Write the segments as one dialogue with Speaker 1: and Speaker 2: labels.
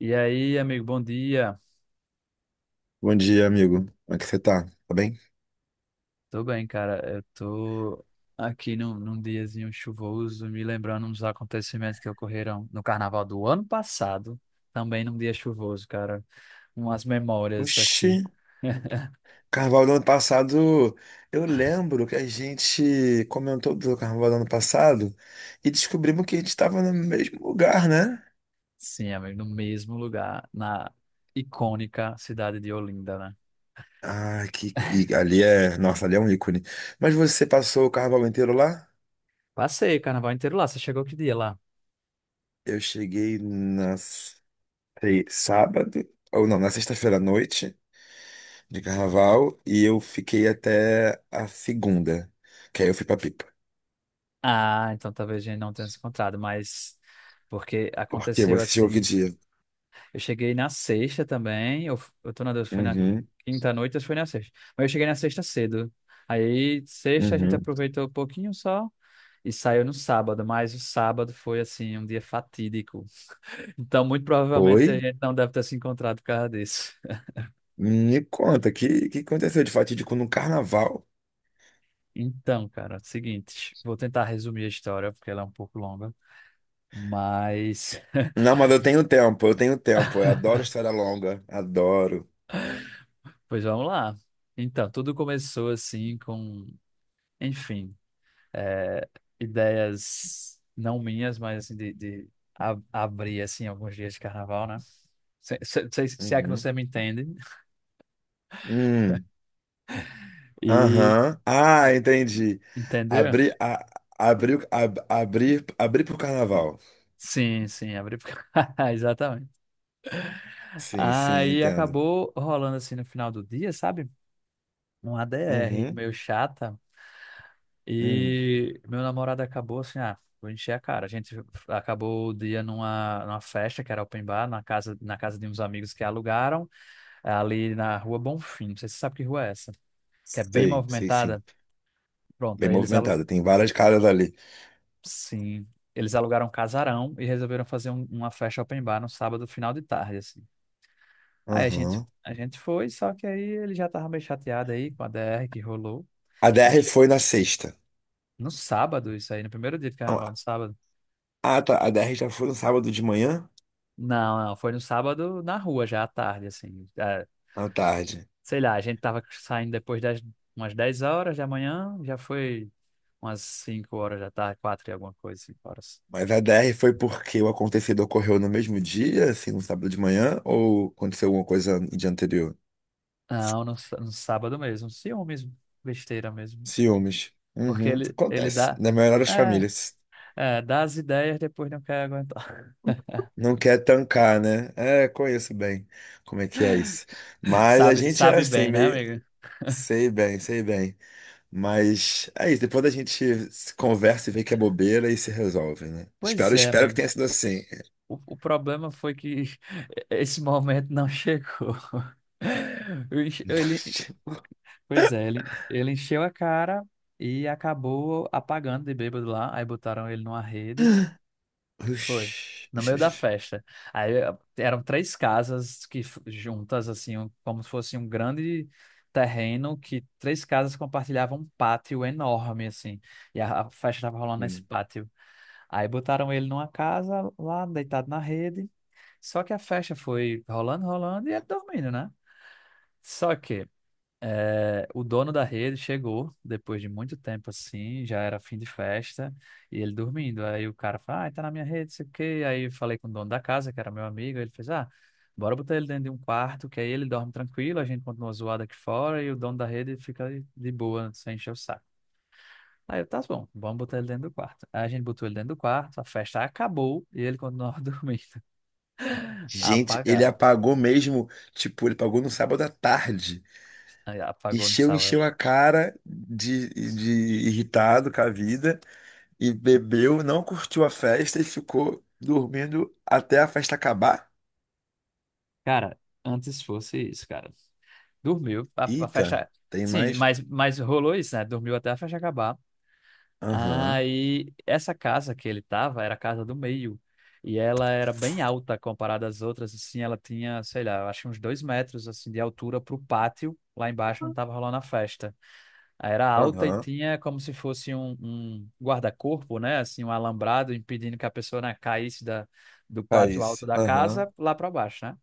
Speaker 1: E aí, amigo, bom dia.
Speaker 2: Bom dia, amigo. Como é que você tá? Tá bem?
Speaker 1: Tô bem, cara. Eu tô aqui num diazinho chuvoso, me lembrando uns acontecimentos que ocorreram no carnaval do ano passado, também num dia chuvoso, cara. Umas memórias
Speaker 2: Oxi,
Speaker 1: aqui.
Speaker 2: carnaval do ano passado. Eu lembro que a gente comentou do carnaval do ano passado e descobrimos que a gente estava no mesmo lugar, né?
Speaker 1: Sim, amigo, no mesmo lugar, na icônica cidade de Olinda, né?
Speaker 2: Ah, que e ali é. Nossa, ali é um ícone. Mas você passou o carnaval inteiro lá?
Speaker 1: Passei o carnaval inteiro lá. Você chegou que dia lá?
Speaker 2: Eu cheguei na se- sábado, ou não, na sexta-feira à noite de carnaval e eu fiquei até a segunda, que aí eu fui pra Pipa.
Speaker 1: Ah, então talvez a gente não tenha se encontrado, mas porque
Speaker 2: Porque
Speaker 1: aconteceu
Speaker 2: você chegou que
Speaker 1: assim.
Speaker 2: dia?
Speaker 1: Eu cheguei na sexta também. Eu tô na dúvida se foi na
Speaker 2: Uhum.
Speaker 1: quinta à noite ou se foi na sexta. Mas eu cheguei na sexta cedo. Aí, sexta, a gente
Speaker 2: Uhum.
Speaker 1: aproveitou um pouquinho só e saiu no sábado. Mas o sábado foi, assim, um dia fatídico. Então, muito
Speaker 2: Foi?
Speaker 1: provavelmente a gente não deve ter se encontrado por causa disso.
Speaker 2: Me conta, que aconteceu de fatídico no carnaval?
Speaker 1: Então, cara, é o seguinte, vou tentar resumir a história, porque ela é um pouco longa. Mas,
Speaker 2: Não, mas eu tenho tempo, eu tenho tempo. Eu adoro história longa, adoro.
Speaker 1: pois vamos lá. Então, tudo começou assim com. Enfim. é, ideias não minhas, mas assim, de abrir assim alguns dias de carnaval, né? Se é que
Speaker 2: Uhum.
Speaker 1: você me entende.
Speaker 2: Hum,
Speaker 1: E
Speaker 2: aham. Ah, entendi.
Speaker 1: entendeu?
Speaker 2: Abrir, abrir, abrir, abrir pro carnaval.
Speaker 1: Sim, sim, abrir exatamente.
Speaker 2: Sim, sim,
Speaker 1: Aí
Speaker 2: entendo.
Speaker 1: acabou rolando assim no final do dia, sabe? Um ADR
Speaker 2: Uhum.
Speaker 1: meio chata.
Speaker 2: Hum.
Speaker 1: E meu namorado acabou assim, ah, vou encher a cara. A gente acabou o dia numa festa que era open bar na casa de uns amigos que alugaram. É ali na Rua Bonfim. Não sei se você sabe que rua é essa, que é bem
Speaker 2: Sei, sei sim.
Speaker 1: movimentada. Pronto,
Speaker 2: Bem
Speaker 1: aí eles alu...
Speaker 2: movimentada, tem várias caras ali.
Speaker 1: Sim, eles alugaram um casarão e resolveram fazer uma festa open bar no sábado, final de tarde, assim. Aí a gente,
Speaker 2: Aham.
Speaker 1: a gente foi, só que aí ele já tava meio chateado aí com a DR que rolou.
Speaker 2: A DR
Speaker 1: Enche-
Speaker 2: foi na sexta.
Speaker 1: No sábado, isso aí, no primeiro dia de carnaval, no sábado.
Speaker 2: Ah, tá, a DR já foi no sábado de manhã?
Speaker 1: Não, não, foi no sábado na rua já à tarde, assim. É,
Speaker 2: À tarde.
Speaker 1: sei lá, a gente tava saindo depois das umas 10 horas da manhã, já foi umas 5 horas da tarde, 4 e alguma coisa, 5 horas.
Speaker 2: Mas a DR foi porque o acontecido ocorreu no mesmo dia, assim, no sábado de manhã, ou aconteceu alguma coisa no dia anterior?
Speaker 1: Não, no sábado mesmo, ciúmes, besteira mesmo.
Speaker 2: Ciúmes.
Speaker 1: Porque
Speaker 2: Uhum.
Speaker 1: ele
Speaker 2: Acontece.
Speaker 1: dá.
Speaker 2: Na maioria das
Speaker 1: É,
Speaker 2: famílias.
Speaker 1: é, dá as ideias, depois não quer aguentar.
Speaker 2: Não quer tancar, né? É, conheço bem como é que é isso. Mas a
Speaker 1: Sabe,
Speaker 2: gente é
Speaker 1: sabe
Speaker 2: assim,
Speaker 1: bem, né,
Speaker 2: meio.
Speaker 1: amigo?
Speaker 2: Sei bem, sei bem. Mas é isso. Depois a gente se conversa e vê que é bobeira e se resolve, né? Espero,
Speaker 1: Pois é,
Speaker 2: espero que
Speaker 1: amigo.
Speaker 2: tenha sido assim.
Speaker 1: O problema foi que esse momento não chegou. Eu enche- Ele, o- pois é, ele encheu a cara e acabou apagando de bêbado lá. Aí botaram ele numa rede. Foi.
Speaker 2: Ux,
Speaker 1: No meio da
Speaker 2: ux,
Speaker 1: festa. Aí eram três casas juntas, assim, como se fosse um grande terreno que três casas compartilhavam um pátio enorme, assim. E a festa estava rolando nesse
Speaker 2: ux.
Speaker 1: pátio. Aí botaram ele numa casa lá, deitado na rede. Só que a festa foi rolando, rolando e ele dormindo, né? Só que o dono da rede chegou depois de muito tempo assim, já era fim de festa, e ele dormindo. Aí o cara falou: Ah, tá na minha rede, sei o quê. Aí eu falei com o dono da casa, que era meu amigo, ele fez: Ah, bora botar ele dentro de um quarto, que aí ele dorme tranquilo, a gente continua zoado aqui fora, e o dono da rede fica de boa, sem encher o saco. Aí eu, tá bom, vamos botar ele dentro do quarto. Aí a gente botou ele dentro do quarto, a festa acabou e ele continuava dormindo,
Speaker 2: Gente, ele
Speaker 1: apagado.
Speaker 2: apagou mesmo, tipo, ele pagou no sábado à tarde.
Speaker 1: Aí apagou no
Speaker 2: Encheu,
Speaker 1: sábado.
Speaker 2: encheu a de irritado com a vida e bebeu, não curtiu a festa e ficou dormindo até a festa acabar.
Speaker 1: Cara, antes fosse isso, cara. Dormiu, a
Speaker 2: Eita,
Speaker 1: festa.
Speaker 2: tem
Speaker 1: Sim,
Speaker 2: mais?
Speaker 1: mas rolou isso, né? Dormiu até a festa acabar.
Speaker 2: Aham,
Speaker 1: Aí, essa casa que ele tava era a casa do meio. E ela era bem alta comparada às outras, assim. Ela tinha, sei lá, eu acho que uns 2 metros, assim, de altura pro pátio, lá embaixo, onde tava rolando a festa. Aí era alta e
Speaker 2: aham,
Speaker 1: tinha como se fosse um guarda-corpo, né? Assim, um alambrado impedindo que a pessoa, né, caísse do pátio
Speaker 2: País,
Speaker 1: alto da
Speaker 2: aham.
Speaker 1: casa lá para baixo, né?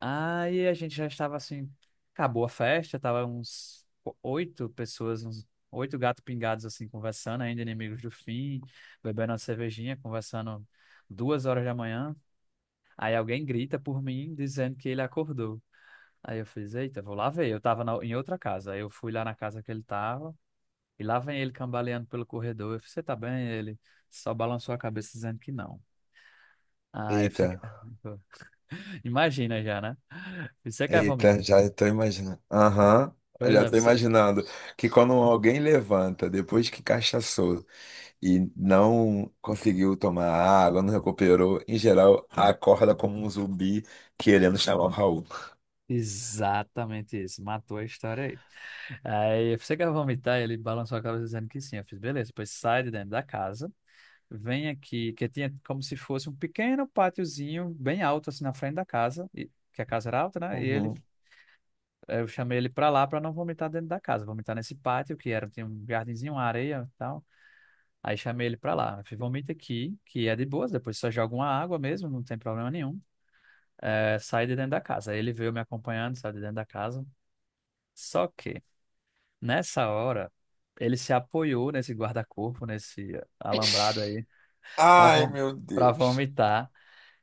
Speaker 1: Aí a gente já estava assim, acabou a festa, tava uns oito pessoas, uns oito gatos pingados assim, conversando, ainda inimigos do fim, bebendo uma cervejinha, conversando 2 horas da manhã. Aí alguém grita por mim, dizendo que ele acordou. Aí eu fiz, eita, vou lá ver. Eu tava em outra casa. Aí eu fui lá na casa que ele tava, e lá vem ele cambaleando pelo corredor. Eu fiz, você tá bem? Ele só balançou a cabeça dizendo que não. Ah, eu fiz,
Speaker 2: Eita,
Speaker 1: imagina já, né? Você quer vomitar?
Speaker 2: eita, já tô imaginando. Aham, já tô
Speaker 1: Pois é,
Speaker 2: imaginando que quando alguém levanta, depois que cachaçou, e não conseguiu tomar água, não recuperou, em geral, acorda como um zumbi querendo chamar o Raul.
Speaker 1: exatamente isso, matou a história aí. Aí você quer vomitar, ele balançou a cabeça dizendo que sim. Eu fiz, beleza, depois sai de dentro da casa, vem aqui, que tinha como se fosse um pequeno pátiozinho bem alto assim na frente da casa, e, que a casa era alta, né? E ele,
Speaker 2: Uhum.
Speaker 1: eu chamei ele pra lá pra não vomitar dentro da casa, vomitar nesse pátio que era, tinha um jardinzinho, uma areia e tal. Aí chamei ele pra lá, eu fiz, vomita aqui, que é de boas, depois só joga uma água mesmo, não tem problema nenhum. É, sai de dentro da casa. Aí ele veio me acompanhando, sai de dentro da casa. Só que. Nessa hora, ele se apoiou nesse guarda-corpo, nesse alambrado aí, para
Speaker 2: Ai, meu
Speaker 1: para
Speaker 2: Deus.
Speaker 1: vomitar.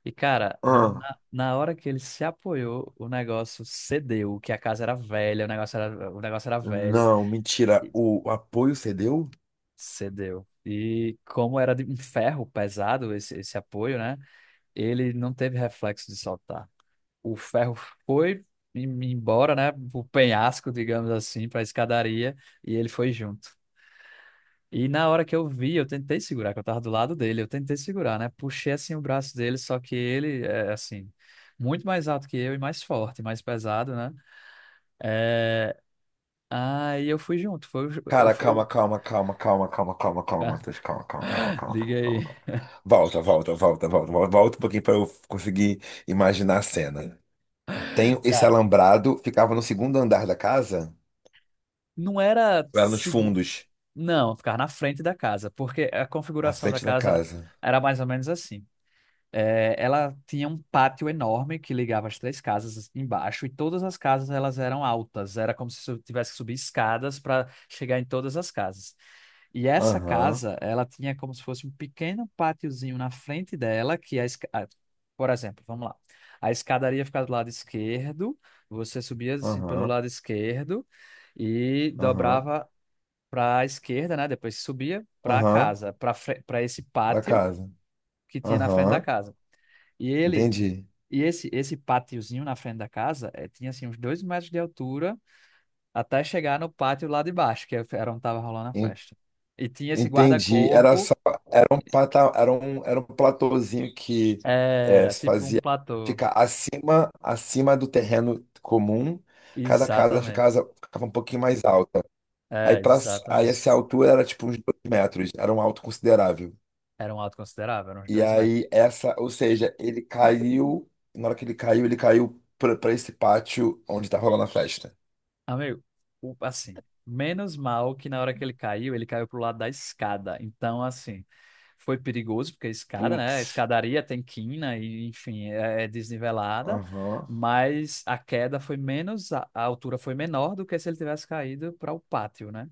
Speaker 1: E, cara, na,
Speaker 2: Ah,
Speaker 1: na, na hora que ele se apoiou, o negócio cedeu, que a casa era velha, o negócio era velho,
Speaker 2: não, mentira.
Speaker 1: e
Speaker 2: O apoio cedeu?
Speaker 1: cedeu. E como era de um ferro pesado esse apoio, né? Ele não teve reflexo de soltar. O ferro foi embora, né? O penhasco, digamos assim, para a escadaria, e ele foi junto. E na hora que eu vi, eu tentei segurar, que eu tava do lado dele, eu tentei segurar, né? Puxei assim o braço dele, só que ele é assim, muito mais alto que eu e mais forte, mais pesado, né? É. Aí eu fui junto, foi, eu
Speaker 2: Cara,
Speaker 1: fui.
Speaker 2: calma, calma, calma, calma, calma, calma, calma, Matheus. Calma, calma, calma, calma, calma,
Speaker 1: Liga
Speaker 2: calma,
Speaker 1: aí.
Speaker 2: calma. Volta, volta, volta, volta, volta, volta um pouquinho para eu conseguir imaginar a cena. Tem esse
Speaker 1: Cara,
Speaker 2: alambrado, ficava no segundo andar da casa?
Speaker 1: não era
Speaker 2: Ou era nos
Speaker 1: seguro.
Speaker 2: fundos,
Speaker 1: Não, ficar na frente da casa, porque a
Speaker 2: à
Speaker 1: configuração da
Speaker 2: frente da
Speaker 1: casa
Speaker 2: casa.
Speaker 1: era mais ou menos assim. É, ela tinha um pátio enorme que ligava as três casas embaixo e todas as casas elas eram altas. Era como se tivesse que subir escadas para chegar em todas as casas. E essa
Speaker 2: Aham.
Speaker 1: casa, ela tinha como se fosse um pequeno pátiozinho na frente dela que ah, por exemplo, vamos lá. A escadaria ficava do lado esquerdo, você subia assim pelo
Speaker 2: Aham,
Speaker 1: lado esquerdo e
Speaker 2: aham,
Speaker 1: dobrava para a esquerda, né? Depois subia para a
Speaker 2: aham,
Speaker 1: casa, para esse
Speaker 2: pra
Speaker 1: pátio
Speaker 2: casa.
Speaker 1: que tinha na frente da
Speaker 2: Aham,
Speaker 1: casa. E ele
Speaker 2: entendi.
Speaker 1: e esse pátiozinho na frente da casa tinha assim uns 2 metros de altura até chegar no pátio lá de baixo, que era onde tava rolando a
Speaker 2: En-
Speaker 1: festa. E tinha esse
Speaker 2: Entendi. Era
Speaker 1: guarda-corpo,
Speaker 2: só, era um pata, era um platôzinho que é,
Speaker 1: era
Speaker 2: se
Speaker 1: tipo um
Speaker 2: fazia
Speaker 1: platô.
Speaker 2: ficar acima, acima do terreno comum. Cada casa
Speaker 1: Exatamente.
Speaker 2: ficava, ficava um pouquinho mais alta. Aí,
Speaker 1: É,
Speaker 2: pra, aí
Speaker 1: exatamente.
Speaker 2: essa altura era tipo uns 2 metros, era um alto considerável.
Speaker 1: Era um alto considerável, eram uns
Speaker 2: E
Speaker 1: 2 metros.
Speaker 2: aí essa, ou seja, ele caiu, na hora que ele caiu pra esse pátio onde tá rolando a festa.
Speaker 1: Amigo, assim, menos mal que na hora que ele caiu pro lado da escada. Então, assim, foi perigoso, porque a escada, né? A
Speaker 2: Putz.
Speaker 1: escadaria tem quina e, enfim, é desnivelada.
Speaker 2: Aham.
Speaker 1: Mas a queda foi menos, a altura foi menor do que se ele tivesse caído para o pátio, né?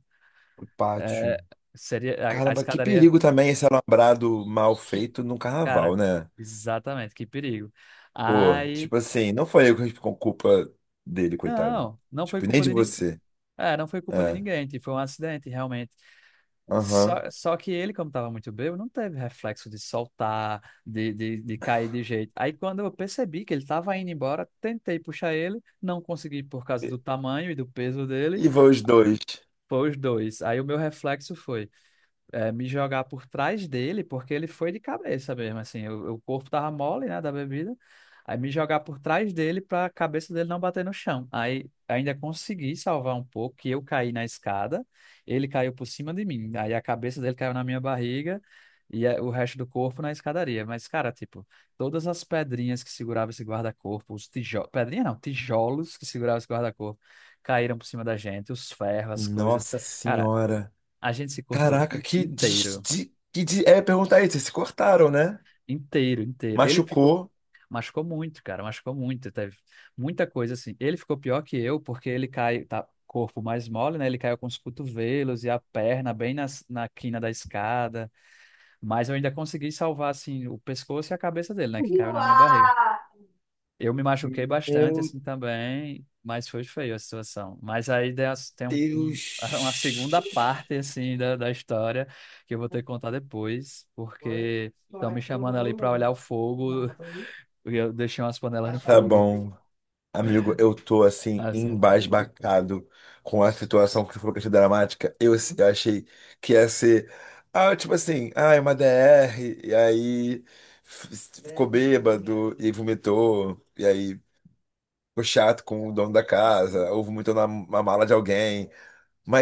Speaker 2: O pátio.
Speaker 1: É, seria a
Speaker 2: Caramba, que
Speaker 1: escadaria.
Speaker 2: perigo também esse alambrado mal
Speaker 1: Que,
Speaker 2: feito num carnaval,
Speaker 1: cara,
Speaker 2: né?
Speaker 1: exatamente, que perigo.
Speaker 2: Pô,
Speaker 1: Aí.
Speaker 2: tipo assim, não foi eu que com culpa dele, coitado.
Speaker 1: Não, não foi
Speaker 2: Tipo, nem
Speaker 1: culpa
Speaker 2: de
Speaker 1: de ninguém.
Speaker 2: você.
Speaker 1: É, não foi culpa de
Speaker 2: É.
Speaker 1: ninguém. Tipo, foi um acidente, realmente.
Speaker 2: Aham.
Speaker 1: Só que ele, como estava muito bêbado, não teve reflexo de soltar, de cair de jeito. Aí, quando eu percebi que ele estava indo embora, tentei puxar ele, não consegui por causa
Speaker 2: E,
Speaker 1: do tamanho e do peso dele,
Speaker 2: e vão os dois.
Speaker 1: foi os dois. Aí, o meu reflexo foi me jogar por trás dele, porque ele foi de cabeça mesmo, assim, o corpo tava mole, né, da bebida, aí me jogar por trás dele para a cabeça dele não bater no chão. Aí ainda consegui salvar um pouco, que eu caí na escada, ele caiu por cima de mim, aí a cabeça dele caiu na minha barriga e o resto do corpo na escadaria. Mas, cara, tipo, todas as pedrinhas que segurava esse guarda-corpo, os tijolos, pedrinha não, tijolos que segurava esse guarda-corpo, caíram por cima da gente, os ferros, as coisas.
Speaker 2: Nossa
Speaker 1: Cara,
Speaker 2: senhora.
Speaker 1: a gente se cortou
Speaker 2: Caraca, que des,
Speaker 1: inteiro,
Speaker 2: de, que de, é perguntar isso, vocês se cortaram, né?
Speaker 1: inteiro, inteiro. Ele ficou,
Speaker 2: Machucou.
Speaker 1: machucou muito, cara, machucou muito, teve muita coisa assim. Ele ficou pior que eu porque ele cai, tá corpo mais mole, né? Ele caiu com os cotovelos e a perna bem na quina da escada, mas eu ainda consegui salvar assim o pescoço e a cabeça dele, né, que caiu na minha barriga.
Speaker 2: Uau!
Speaker 1: Eu me machuquei bastante
Speaker 2: Meu
Speaker 1: assim também, mas foi feio a situação. Mas aí tem uma
Speaker 2: Deus.
Speaker 1: segunda parte assim da história que eu vou ter que contar depois,
Speaker 2: Oi?
Speaker 1: porque
Speaker 2: Como
Speaker 1: estão
Speaker 2: é
Speaker 1: me
Speaker 2: que você não
Speaker 1: chamando
Speaker 2: vai
Speaker 1: ali
Speaker 2: nem
Speaker 1: para
Speaker 2: lembrar?
Speaker 1: olhar o fogo e eu deixei umas panelas no
Speaker 2: Baixar. Tá o.
Speaker 1: fogo.
Speaker 2: bom, amigo, eu tô assim
Speaker 1: Nossa,
Speaker 2: embasbacado com a situação que foi, falou que achei dramática. Eu, assim, eu achei que ia ser, ah, tipo assim, ah, é uma DR, e aí f- ficou bêbado e aí vomitou, e aí ficou chato com o dono da casa. Ou vomitou na mala de alguém,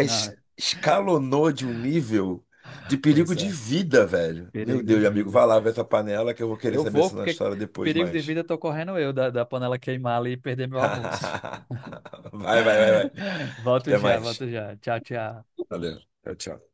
Speaker 1: não,
Speaker 2: escalonou de um nível de perigo
Speaker 1: pois
Speaker 2: de
Speaker 1: é,
Speaker 2: vida, velho. Meu
Speaker 1: perigo de
Speaker 2: Deus, amigo,
Speaker 1: vida.
Speaker 2: vai lá ver essa panela que eu vou querer
Speaker 1: Eu
Speaker 2: saber
Speaker 1: vou
Speaker 2: essa
Speaker 1: porque
Speaker 2: história depois
Speaker 1: perigo de
Speaker 2: mais.
Speaker 1: vida eu tô correndo eu da panela queimar ali e perder meu almoço.
Speaker 2: Vai, vai, vai, vai.
Speaker 1: Volto
Speaker 2: Até
Speaker 1: já,
Speaker 2: mais.
Speaker 1: volto já. Tchau, tchau.
Speaker 2: Valeu. Tchau, tchau.